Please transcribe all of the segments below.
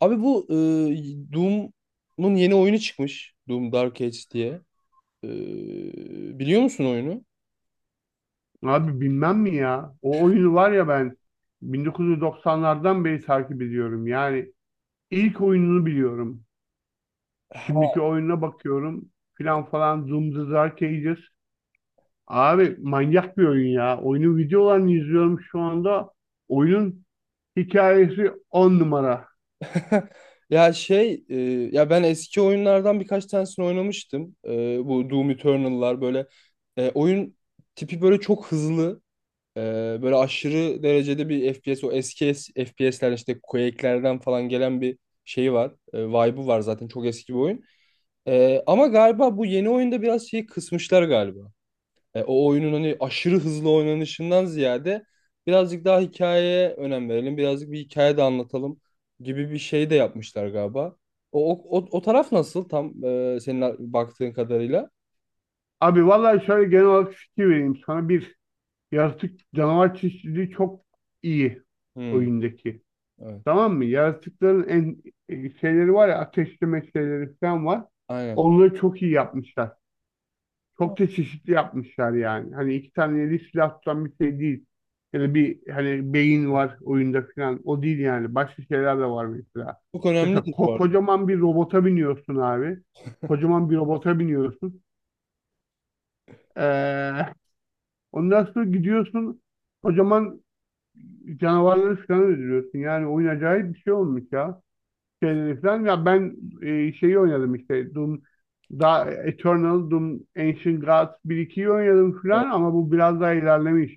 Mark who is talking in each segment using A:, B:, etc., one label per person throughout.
A: Abi bu Doom'un yeni oyunu çıkmış. Doom Dark Age diye. E, Biliyor musun oyunu?
B: Abi bilmem mi ya? O oyunu var ya ben 1990'lardan beri takip ediyorum. Yani ilk oyununu biliyorum.
A: Ha.
B: Şimdiki oyununa bakıyorum filan falan, Doom the Dark Ages. Abi manyak bir oyun ya. Oyunun videolarını izliyorum şu anda. Oyunun hikayesi on numara.
A: Ya şey e, ya ben eski oyunlardan birkaç tanesini oynamıştım. Bu Doom Eternal'lar böyle oyun tipi böyle çok hızlı. e, Böyle aşırı derecede bir FPS, o eski FPS'ler işte Quake'lerden falan gelen bir şeyi var. Vibe'ı var, zaten çok eski bir oyun. Ama galiba bu yeni oyunda biraz şeyi kısmışlar galiba. O oyunun hani aşırı hızlı oynanışından ziyade birazcık daha hikayeye önem verelim. Birazcık bir hikaye de anlatalım gibi bir şey de yapmışlar galiba. O taraf nasıl tam, senin baktığın kadarıyla?
B: Abi vallahi şöyle genel olarak fikir vereyim sana. Bir, yaratık canavar çeşitliliği çok iyi
A: Hmm,
B: oyundaki.
A: evet.
B: Tamam mı? Yaratıkların şeyleri var ya, ateşleme şeyleri falan var.
A: Aynen.
B: Onları çok iyi yapmışlar. Çok da çeşitli yapmışlar yani. Hani iki tane eli silah tutan bir şey değil. Ya da bir hani beyin var oyunda falan. O değil yani. Başka şeyler de var mesela.
A: Çok
B: Mesela
A: önemlidir bu arada.
B: kocaman bir robota biniyorsun abi. Kocaman bir robota biniyorsun. Ee, ondan sonra gidiyorsun. Kocaman canavarları falan öldürüyorsun. Yani oyun acayip bir şey olmuş ya. Şeyleri falan. Ya ben şeyi oynadım işte Doom, da Eternal, Doom, Ancient Gods 1-2'yi oynadım
A: Evet.
B: falan ama bu biraz daha ilerlemiş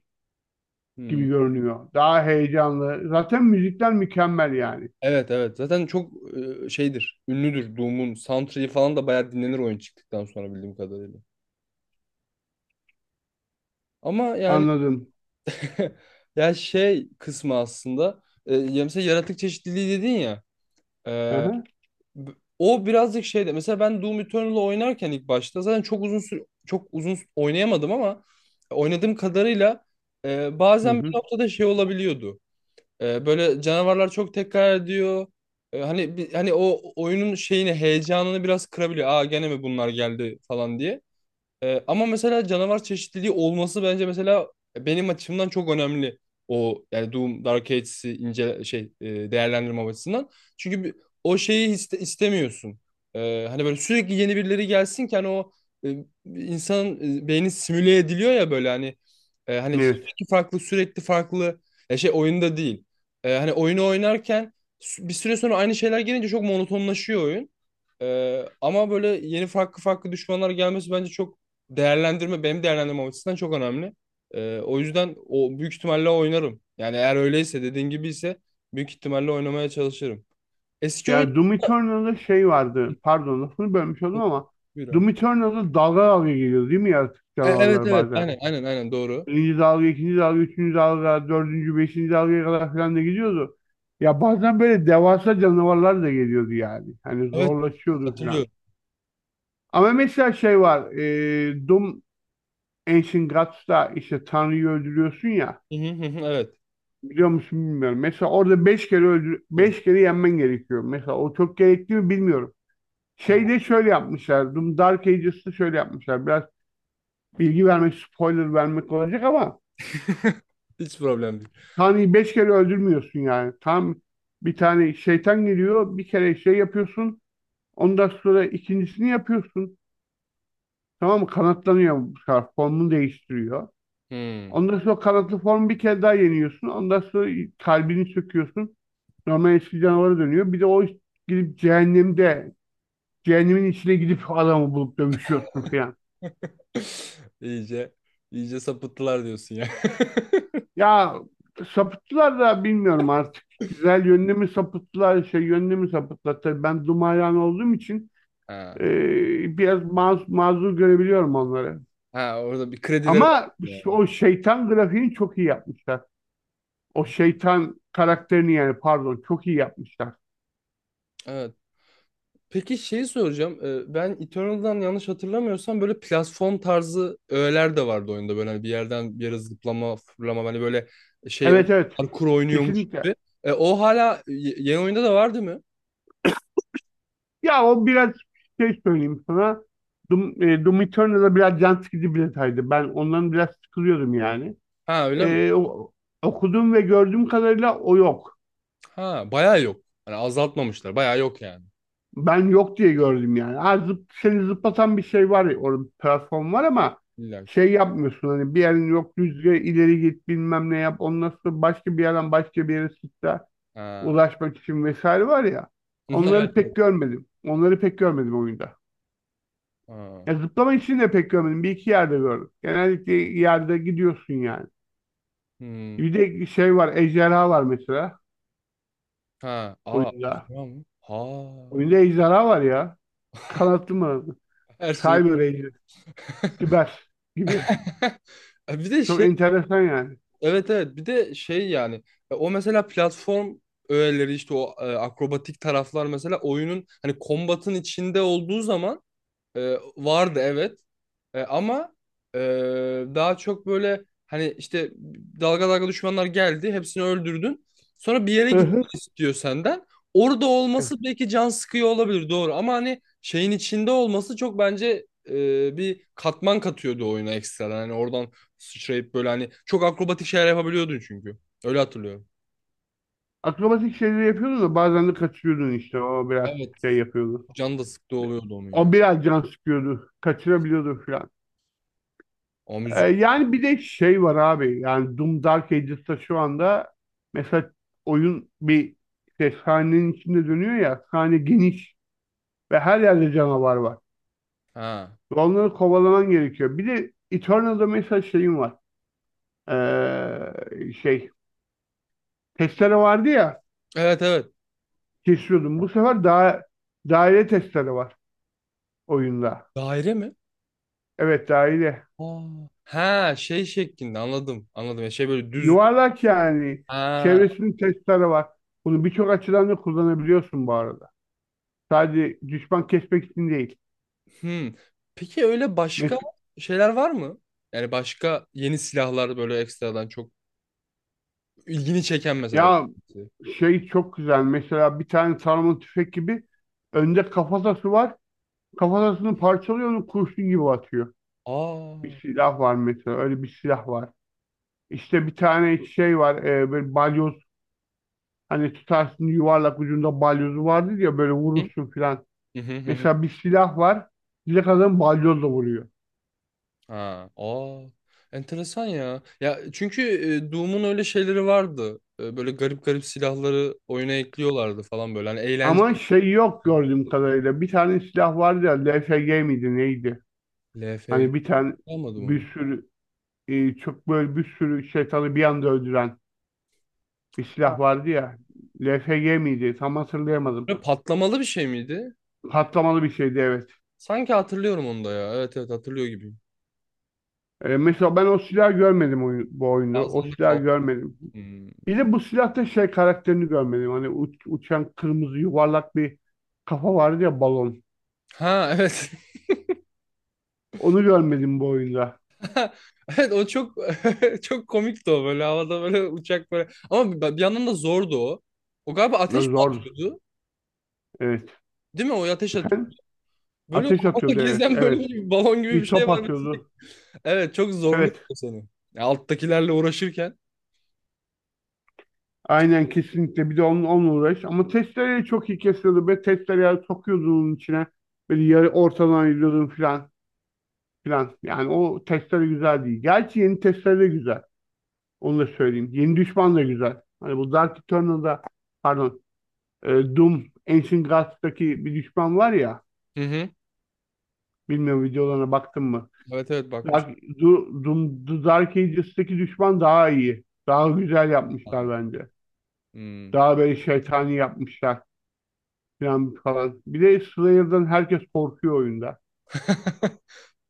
A: Hmm.
B: gibi görünüyor. Daha heyecanlı. Zaten müzikler mükemmel yani.
A: Evet, evet. Zaten çok şeydir. Ünlüdür Doom'un. Soundtrack'i falan da bayağı dinlenir oyun çıktıktan sonra bildiğim kadarıyla. Ama yani
B: Anladım.
A: ya şey kısmı aslında, ya mesela yaratık çeşitliliği dedin ya. E,
B: Aha.
A: B- O birazcık şeyde mesela ben Doom Eternal'ı oynarken ilk başta zaten çok uzun süre oynayamadım ama oynadığım kadarıyla
B: Hı
A: bazen bir
B: hı.
A: noktada şey olabiliyordu. Böyle canavarlar çok tekrar ediyor. Hani hani o oyunun şeyini, heyecanını biraz kırabiliyor. Aa, gene mi bunlar geldi falan diye. Ama mesela canavar çeşitliliği olması bence mesela benim açımdan çok önemli. O yani Doom Dark Ages'i ince şey, değerlendirme açısından. Çünkü o şeyi istemiyorsun. Hani böyle sürekli yeni birileri gelsin ki hani o insanın beyni simüle ediliyor ya böyle hani hani
B: Evet.
A: sürekli farklı ya şey oyunda değil. Hani oyunu oynarken bir süre sonra aynı şeyler gelince çok monotonlaşıyor oyun. Ama böyle yeni farklı farklı düşmanlar gelmesi bence çok benim değerlendirmem açısından çok önemli. O yüzden o büyük ihtimalle oynarım. Yani eğer öyleyse, dediğin gibi ise büyük ihtimalle oynamaya çalışırım. Eski oyun...
B: Yani Doom Eternal'da şey vardı. Pardon, lafını bölmüş oldum ama
A: Buyur abi.
B: Doom Eternal'da dalga dalga geliyor değil mi yaratık
A: Evet,
B: canavarlar
A: evet,
B: bazen?
A: aynen, aynen, aynen, doğru.
B: Birinci dalga, ikinci dalga, üçüncü dalga, dördüncü, beşinci dalgaya kadar falan da gidiyordu. Ya bazen böyle devasa canavarlar da geliyordu yani. Hani
A: Evet,
B: zorlaşıyordu falan.
A: hatırlıyorum.
B: Ama mesela şey var. E, Doom Ancient Gods'ta işte Tanrı'yı öldürüyorsun ya.
A: Hı hı hı hı, evet.
B: Biliyor musun bilmiyorum. Mesela orada beş kere öldür,
A: Diyorum.
B: beş kere yenmen gerekiyor. Mesela o çok gerekli mi bilmiyorum. Şeyde şöyle yapmışlar. Doom Dark Ages'ta şöyle yapmışlar. Biraz bilgi vermek, spoiler vermek olacak ama
A: Hiç problem değil.
B: Tanrı'yı beş kere öldürmüyorsun yani. Tam bir tane şeytan geliyor, bir kere şey yapıyorsun. Ondan sonra ikincisini yapıyorsun. Tamam mı? Kanatlanıyor bu sefer. Formunu değiştiriyor.
A: Hmm.
B: Ondan sonra kanatlı formu bir kere daha yeniyorsun. Ondan sonra kalbini söküyorsun. Normal eski canavara dönüyor. Bir de o gidip cehennemde, cehennemin içine gidip adamı bulup dövüşüyorsun falan.
A: İyice iyice sapıttılar diyorsun ya.
B: Ya sapıttılar da bilmiyorum artık. Güzel yönünü mü sapıttılar, şey yönünü mü sapıttılar. Tabii ben Dumayan olduğum için
A: Ha.
B: Biraz mazur görebiliyorum onları.
A: Ha, orada bir kredileri var
B: Ama
A: yani.
B: o şeytan grafiğini çok iyi yapmışlar. O şeytan karakterini yani, pardon, çok iyi yapmışlar.
A: Evet. Peki şeyi soracağım. Ben Eternal'dan yanlış hatırlamıyorsam böyle platform tarzı öğeler de vardı oyunda. Böyle hani bir yerden bir yere zıplama, fırlama, hani böyle şey o
B: Evet, evet,
A: parkur oynuyormuş
B: kesinlikle.
A: gibi. O hala yeni oyunda da vardı mı?
B: Ya o biraz şey söyleyeyim sana. Doom, Doom Eternal'da biraz can sıkıcı bir detaydı. Ben ondan biraz sıkılıyordum yani.
A: Ha, öyle mi?
B: Ee, o- okuduğum ve gördüğüm kadarıyla o yok.
A: Ha, bayağı yok. Hani azaltmamışlar. Bayağı yok yani.
B: Ben yok diye gördüm yani. Ha, seni zıplatan bir şey var ya, orada bir platform var ama
A: İlla ki.
B: şey yapmıyorsun, hani bir yerin yok rüzgar ileri git bilmem ne yap ondan sonra başka bir yerden başka bir yere sıçra
A: Ha.
B: ulaşmak için vesaire var ya,
A: Evet.
B: onları pek görmedim. Onları pek görmedim oyunda.
A: Ha.
B: Ya zıplama için de pek görmedim. Bir iki yerde gördüm. Genellikle yerde gidiyorsun yani.
A: Hmm.
B: Bir de şey var, ejderha var mesela
A: Ha. Aa,
B: oyunda.
A: acaba mı? Ha.
B: Oyunda ejderha var ya. Kanatlı mı?
A: Her şey.
B: Cyber Ranger, Siber gibi.
A: Bir de
B: Çok
A: şey
B: enteresan yani.
A: Evet, evet, bir de şey yani o mesela platform öğeleri, işte o akrobatik taraflar mesela, oyunun hani kombatın içinde olduğu zaman e, vardı evet. Ama e, daha çok böyle hani işte dalga dalga düşmanlar geldi. Hepsini öldürdün. Sonra bir yere
B: Hı hı.
A: gitmek istiyor senden. Orada
B: Evet.
A: olması belki can sıkıyor olabilir, doğru. Ama hani şeyin içinde olması çok bence bir katman katıyordu oyuna ekstradan. Hani oradan sıçrayıp böyle hani çok akrobatik şeyler yapabiliyordun çünkü. Öyle hatırlıyorum.
B: Akrobatik şeyleri yapıyordu da bazen de kaçırıyordun işte. O biraz
A: Evet.
B: şey yapıyordu.
A: Can da sıktı oluyordu onun
B: O
A: ya.
B: biraz can sıkıyordu. Kaçırabiliyordu falan.
A: O müzik.
B: Yani bir de şey var abi. Yani Doom Dark Ages'ta şu anda mesela oyun bir işte sahnenin içinde dönüyor ya. Sahne geniş ve her yerde canavar var.
A: Ha.
B: Ve onları kovalaman gerekiyor. Bir de Eternal'da mesela şeyim var. Şey testere vardı ya,
A: Evet, evet.
B: kesiyordum. Bu sefer daha daire testere var oyunda.
A: Daire mi?
B: Evet, daire.
A: Aa. Ha, şey şeklinde. Anladım, anladım. Ya şey, böyle düz.
B: Yuvarlak yani.
A: Ha.
B: Çevresinin testere var. Bunu birçok açıdan da kullanabiliyorsun bu arada. Sadece düşman kesmek için değil.
A: Hmm. Peki öyle başka
B: Mes-
A: şeyler var mı? Yani başka yeni silahlar böyle ekstradan çok ilgini çeken mesela bir
B: ya
A: şey.
B: şey çok güzel. Mesela bir tane sarma tüfek gibi, önde kafatası var. Kafatasını parçalıyor, onu kurşun gibi atıyor.
A: Aa.
B: Bir silah var mesela. Öyle bir silah var. İşte bir tane şey var. Böyle balyoz, hani tutarsın yuvarlak ucunda balyozu vardır ya, böyle
A: Hı?
B: vurursun filan.
A: Hı hı hı hı.
B: Mesela bir silah var. Bir kadın balyozla vuruyor.
A: Ha. Aa. Enteresan ya. Ya çünkü Doom'un öyle şeyleri vardı. Böyle garip garip silahları oyuna ekliyorlardı falan böyle. Hani eğlenceli.
B: Ama şey yok gördüğüm kadarıyla. Bir tane silah vardı ya. LFG miydi neydi?
A: LFG,
B: Hani bir tane
A: almadım onu.
B: bir sürü çok böyle bir sürü şeytanı bir anda öldüren bir
A: Ha.
B: silah vardı ya. LFG miydi? Tam hatırlayamadım.
A: Böyle patlamalı bir şey miydi?
B: Patlamalı bir şeydi, evet.
A: Sanki hatırlıyorum onu da ya. Evet, evet, hatırlıyor gibiyim.
B: Mesela ben o silahı görmedim oyun, bu oyunda. O
A: Ağzımda
B: silahı
A: kaldı.
B: görmedim.
A: Hmm.
B: Bir de bu silahta şey karakterini görmedim. Hani uçan kırmızı yuvarlak bir kafa vardı ya, balon.
A: Ha, evet.
B: Onu görmedim bu oyunda.
A: Evet, o çok çok komikti o, böyle havada, böyle uçak böyle. Ama bir yandan da zordu o. O galiba ateş
B: Ne
A: mi
B: zor.
A: atıyordu?
B: Evet.
A: Değil mi? O ateş atıyor.
B: Efendim?
A: Böyle
B: Ateş atıyordu,
A: havada
B: evet.
A: gezen böyle
B: Evet.
A: bir balon gibi bir
B: Bir
A: şey
B: top
A: var.
B: atıyordu.
A: Evet, çok zorluyor
B: Evet.
A: seni. Ya, alttakilerle uğraşırken.
B: Aynen, kesinlikle. Bir de onunla uğraş. Ama testereyi çok iyi kesiyordu. Ve testereyi sokuyordun onun içine. Böyle yarı ortadan ayırıyordun filan filan. Yani o testere güzel değil. Gerçi yeni testere de güzel. Onu da söyleyeyim. Yeni düşman da güzel. Hani bu Dark Eternal'da, pardon, e, Doom Ancient Gods'taki bir düşman var ya.
A: Hı hı.
B: Bilmiyorum, videolarına baktın mı?
A: Evet, evet, bakmış.
B: Doom, The Dark Ages'taki düşman daha iyi. Daha güzel yapmışlar bence.
A: Hmm.
B: Daha böyle şeytani yapmışlar falan falan. Bir de Slayer'dan herkes korkuyor oyunda.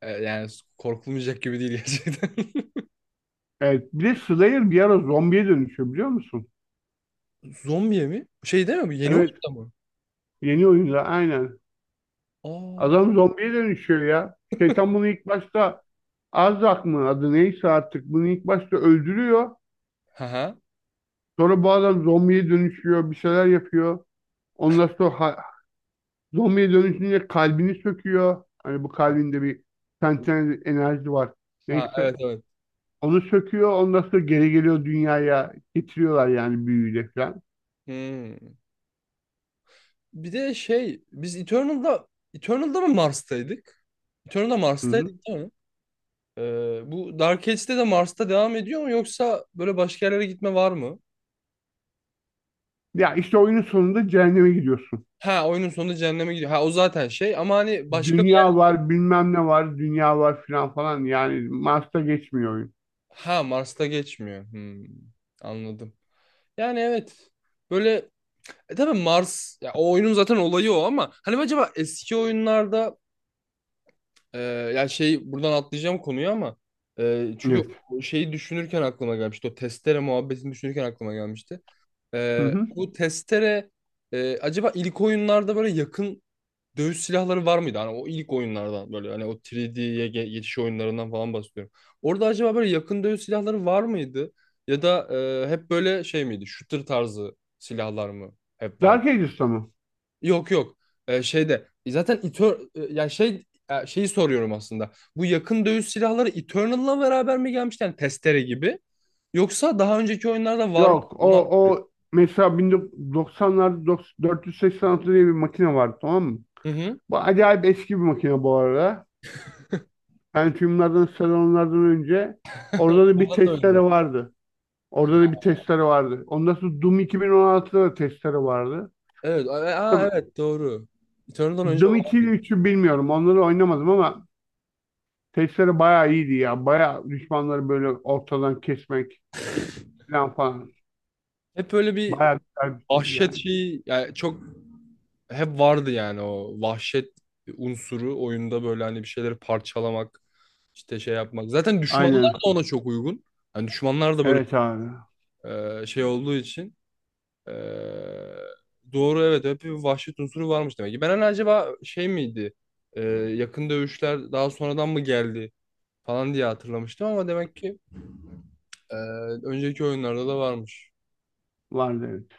A: Yani korkulmayacak gibi değil gerçekten.
B: Evet. Bir de Slayer bir ara zombiye dönüşüyor, biliyor musun?
A: Zombiye mi? Şey değil mi bu? Yeni
B: Evet.
A: oyunda mı?
B: Yeni oyunda aynen.
A: Aa.
B: Adam zombiye dönüşüyor ya. Şeytan bunu ilk başta, Arzak mı adı neyse artık, bunu ilk başta öldürüyor.
A: Ha ha.
B: Sonra bu adam zombiye dönüşüyor, bir şeyler yapıyor. Ondan sonra zombiye dönüşünce kalbini söküyor. Hani bu kalbinde bir sentez enerji var.
A: Ha,
B: Neyse.
A: evet, evet.
B: Onu söküyor. Ondan sonra geri geliyor dünyaya. Getiriyorlar yani, büyüyle falan.
A: Hmm. Bir de şey, biz Eternal'da mı Mars'taydık? Eternal'da
B: Hı
A: Mars'taydık
B: hı.
A: değil mi? Bu Dark Age'de de Mars'ta devam ediyor mu, yoksa böyle başka yerlere gitme var mı?
B: Ya işte oyunun sonunda cehenneme gidiyorsun.
A: Ha, oyunun sonunda cehenneme gidiyor. Ha, o zaten şey, ama hani başka bir...
B: Dünya var, bilmem ne var, dünya var falan falan. Yani Mars'ta geçmiyor oyun.
A: Ha, Mars'ta geçmiyor. Hmm, anladım. Yani evet. Böyle tabii Mars ya, o oyunun zaten olayı o, ama hani acaba eski oyunlarda Ee, yani şey, buradan atlayacağım konuyu ama çünkü
B: Evet.
A: o şeyi düşünürken aklıma gelmişti. O testere muhabbetini düşünürken aklıma gelmişti.
B: Hı hı.
A: Bu testere acaba ilk oyunlarda böyle yakın dövüş silahları var mıydı? Hani o ilk oyunlardan, böyle hani o 3D'ye geçiş oyunlarından falan bahsediyorum. Orada acaba böyle yakın dövüş silahları var mıydı? Ya da hep böyle şey miydi? Shooter tarzı silahlar mı hep vardı?
B: Dark Ages'ta mı?
A: Yok, yok. Şeyde zaten ya şeyi soruyorum aslında. Bu yakın dövüş silahları Eternal'la beraber mi gelmişti? Yani testere gibi. Yoksa daha önceki oyunlarda var mı?
B: Yok, o
A: Ona...
B: o mesela 1990'larda 486 diye bir makine vardı, tamam mı?
A: Hı hı.
B: Bu acayip eski bir makine bu arada. Pentium'lardan, Celeron'lardan önce orada da bir
A: Ondan da önce.
B: testere vardı. Orada da bir testere vardı. Ondan sonra Doom 2016'da da testere vardı.
A: Evet.
B: Tabii
A: Aa, evet, doğru. Eternal'dan önce
B: Doom 2 ile
A: vardı.
B: 3'ü bilmiyorum. Onları oynamadım ama testere bayağı iyiydi ya. Bayağı düşmanları böyle ortadan kesmek falan falan.
A: Hep böyle bir
B: Bayağı güzel bir şeydi
A: vahşet
B: yani.
A: şeyi yani, çok hep vardı yani o vahşet unsuru oyunda, böyle hani bir şeyleri parçalamak, işte şey yapmak. Zaten düşmanlar da
B: Aynen.
A: ona çok uygun. Hani düşmanlar da böyle
B: Evet abi.
A: şey olduğu için e, doğru, evet, hep bir vahşet unsuru varmış demek ki. Ben hani acaba şey miydi, yakın dövüşler daha sonradan mı geldi falan diye hatırlamıştım ama demek ki e, önceki oyunlarda da varmış.
B: Vardı, evet.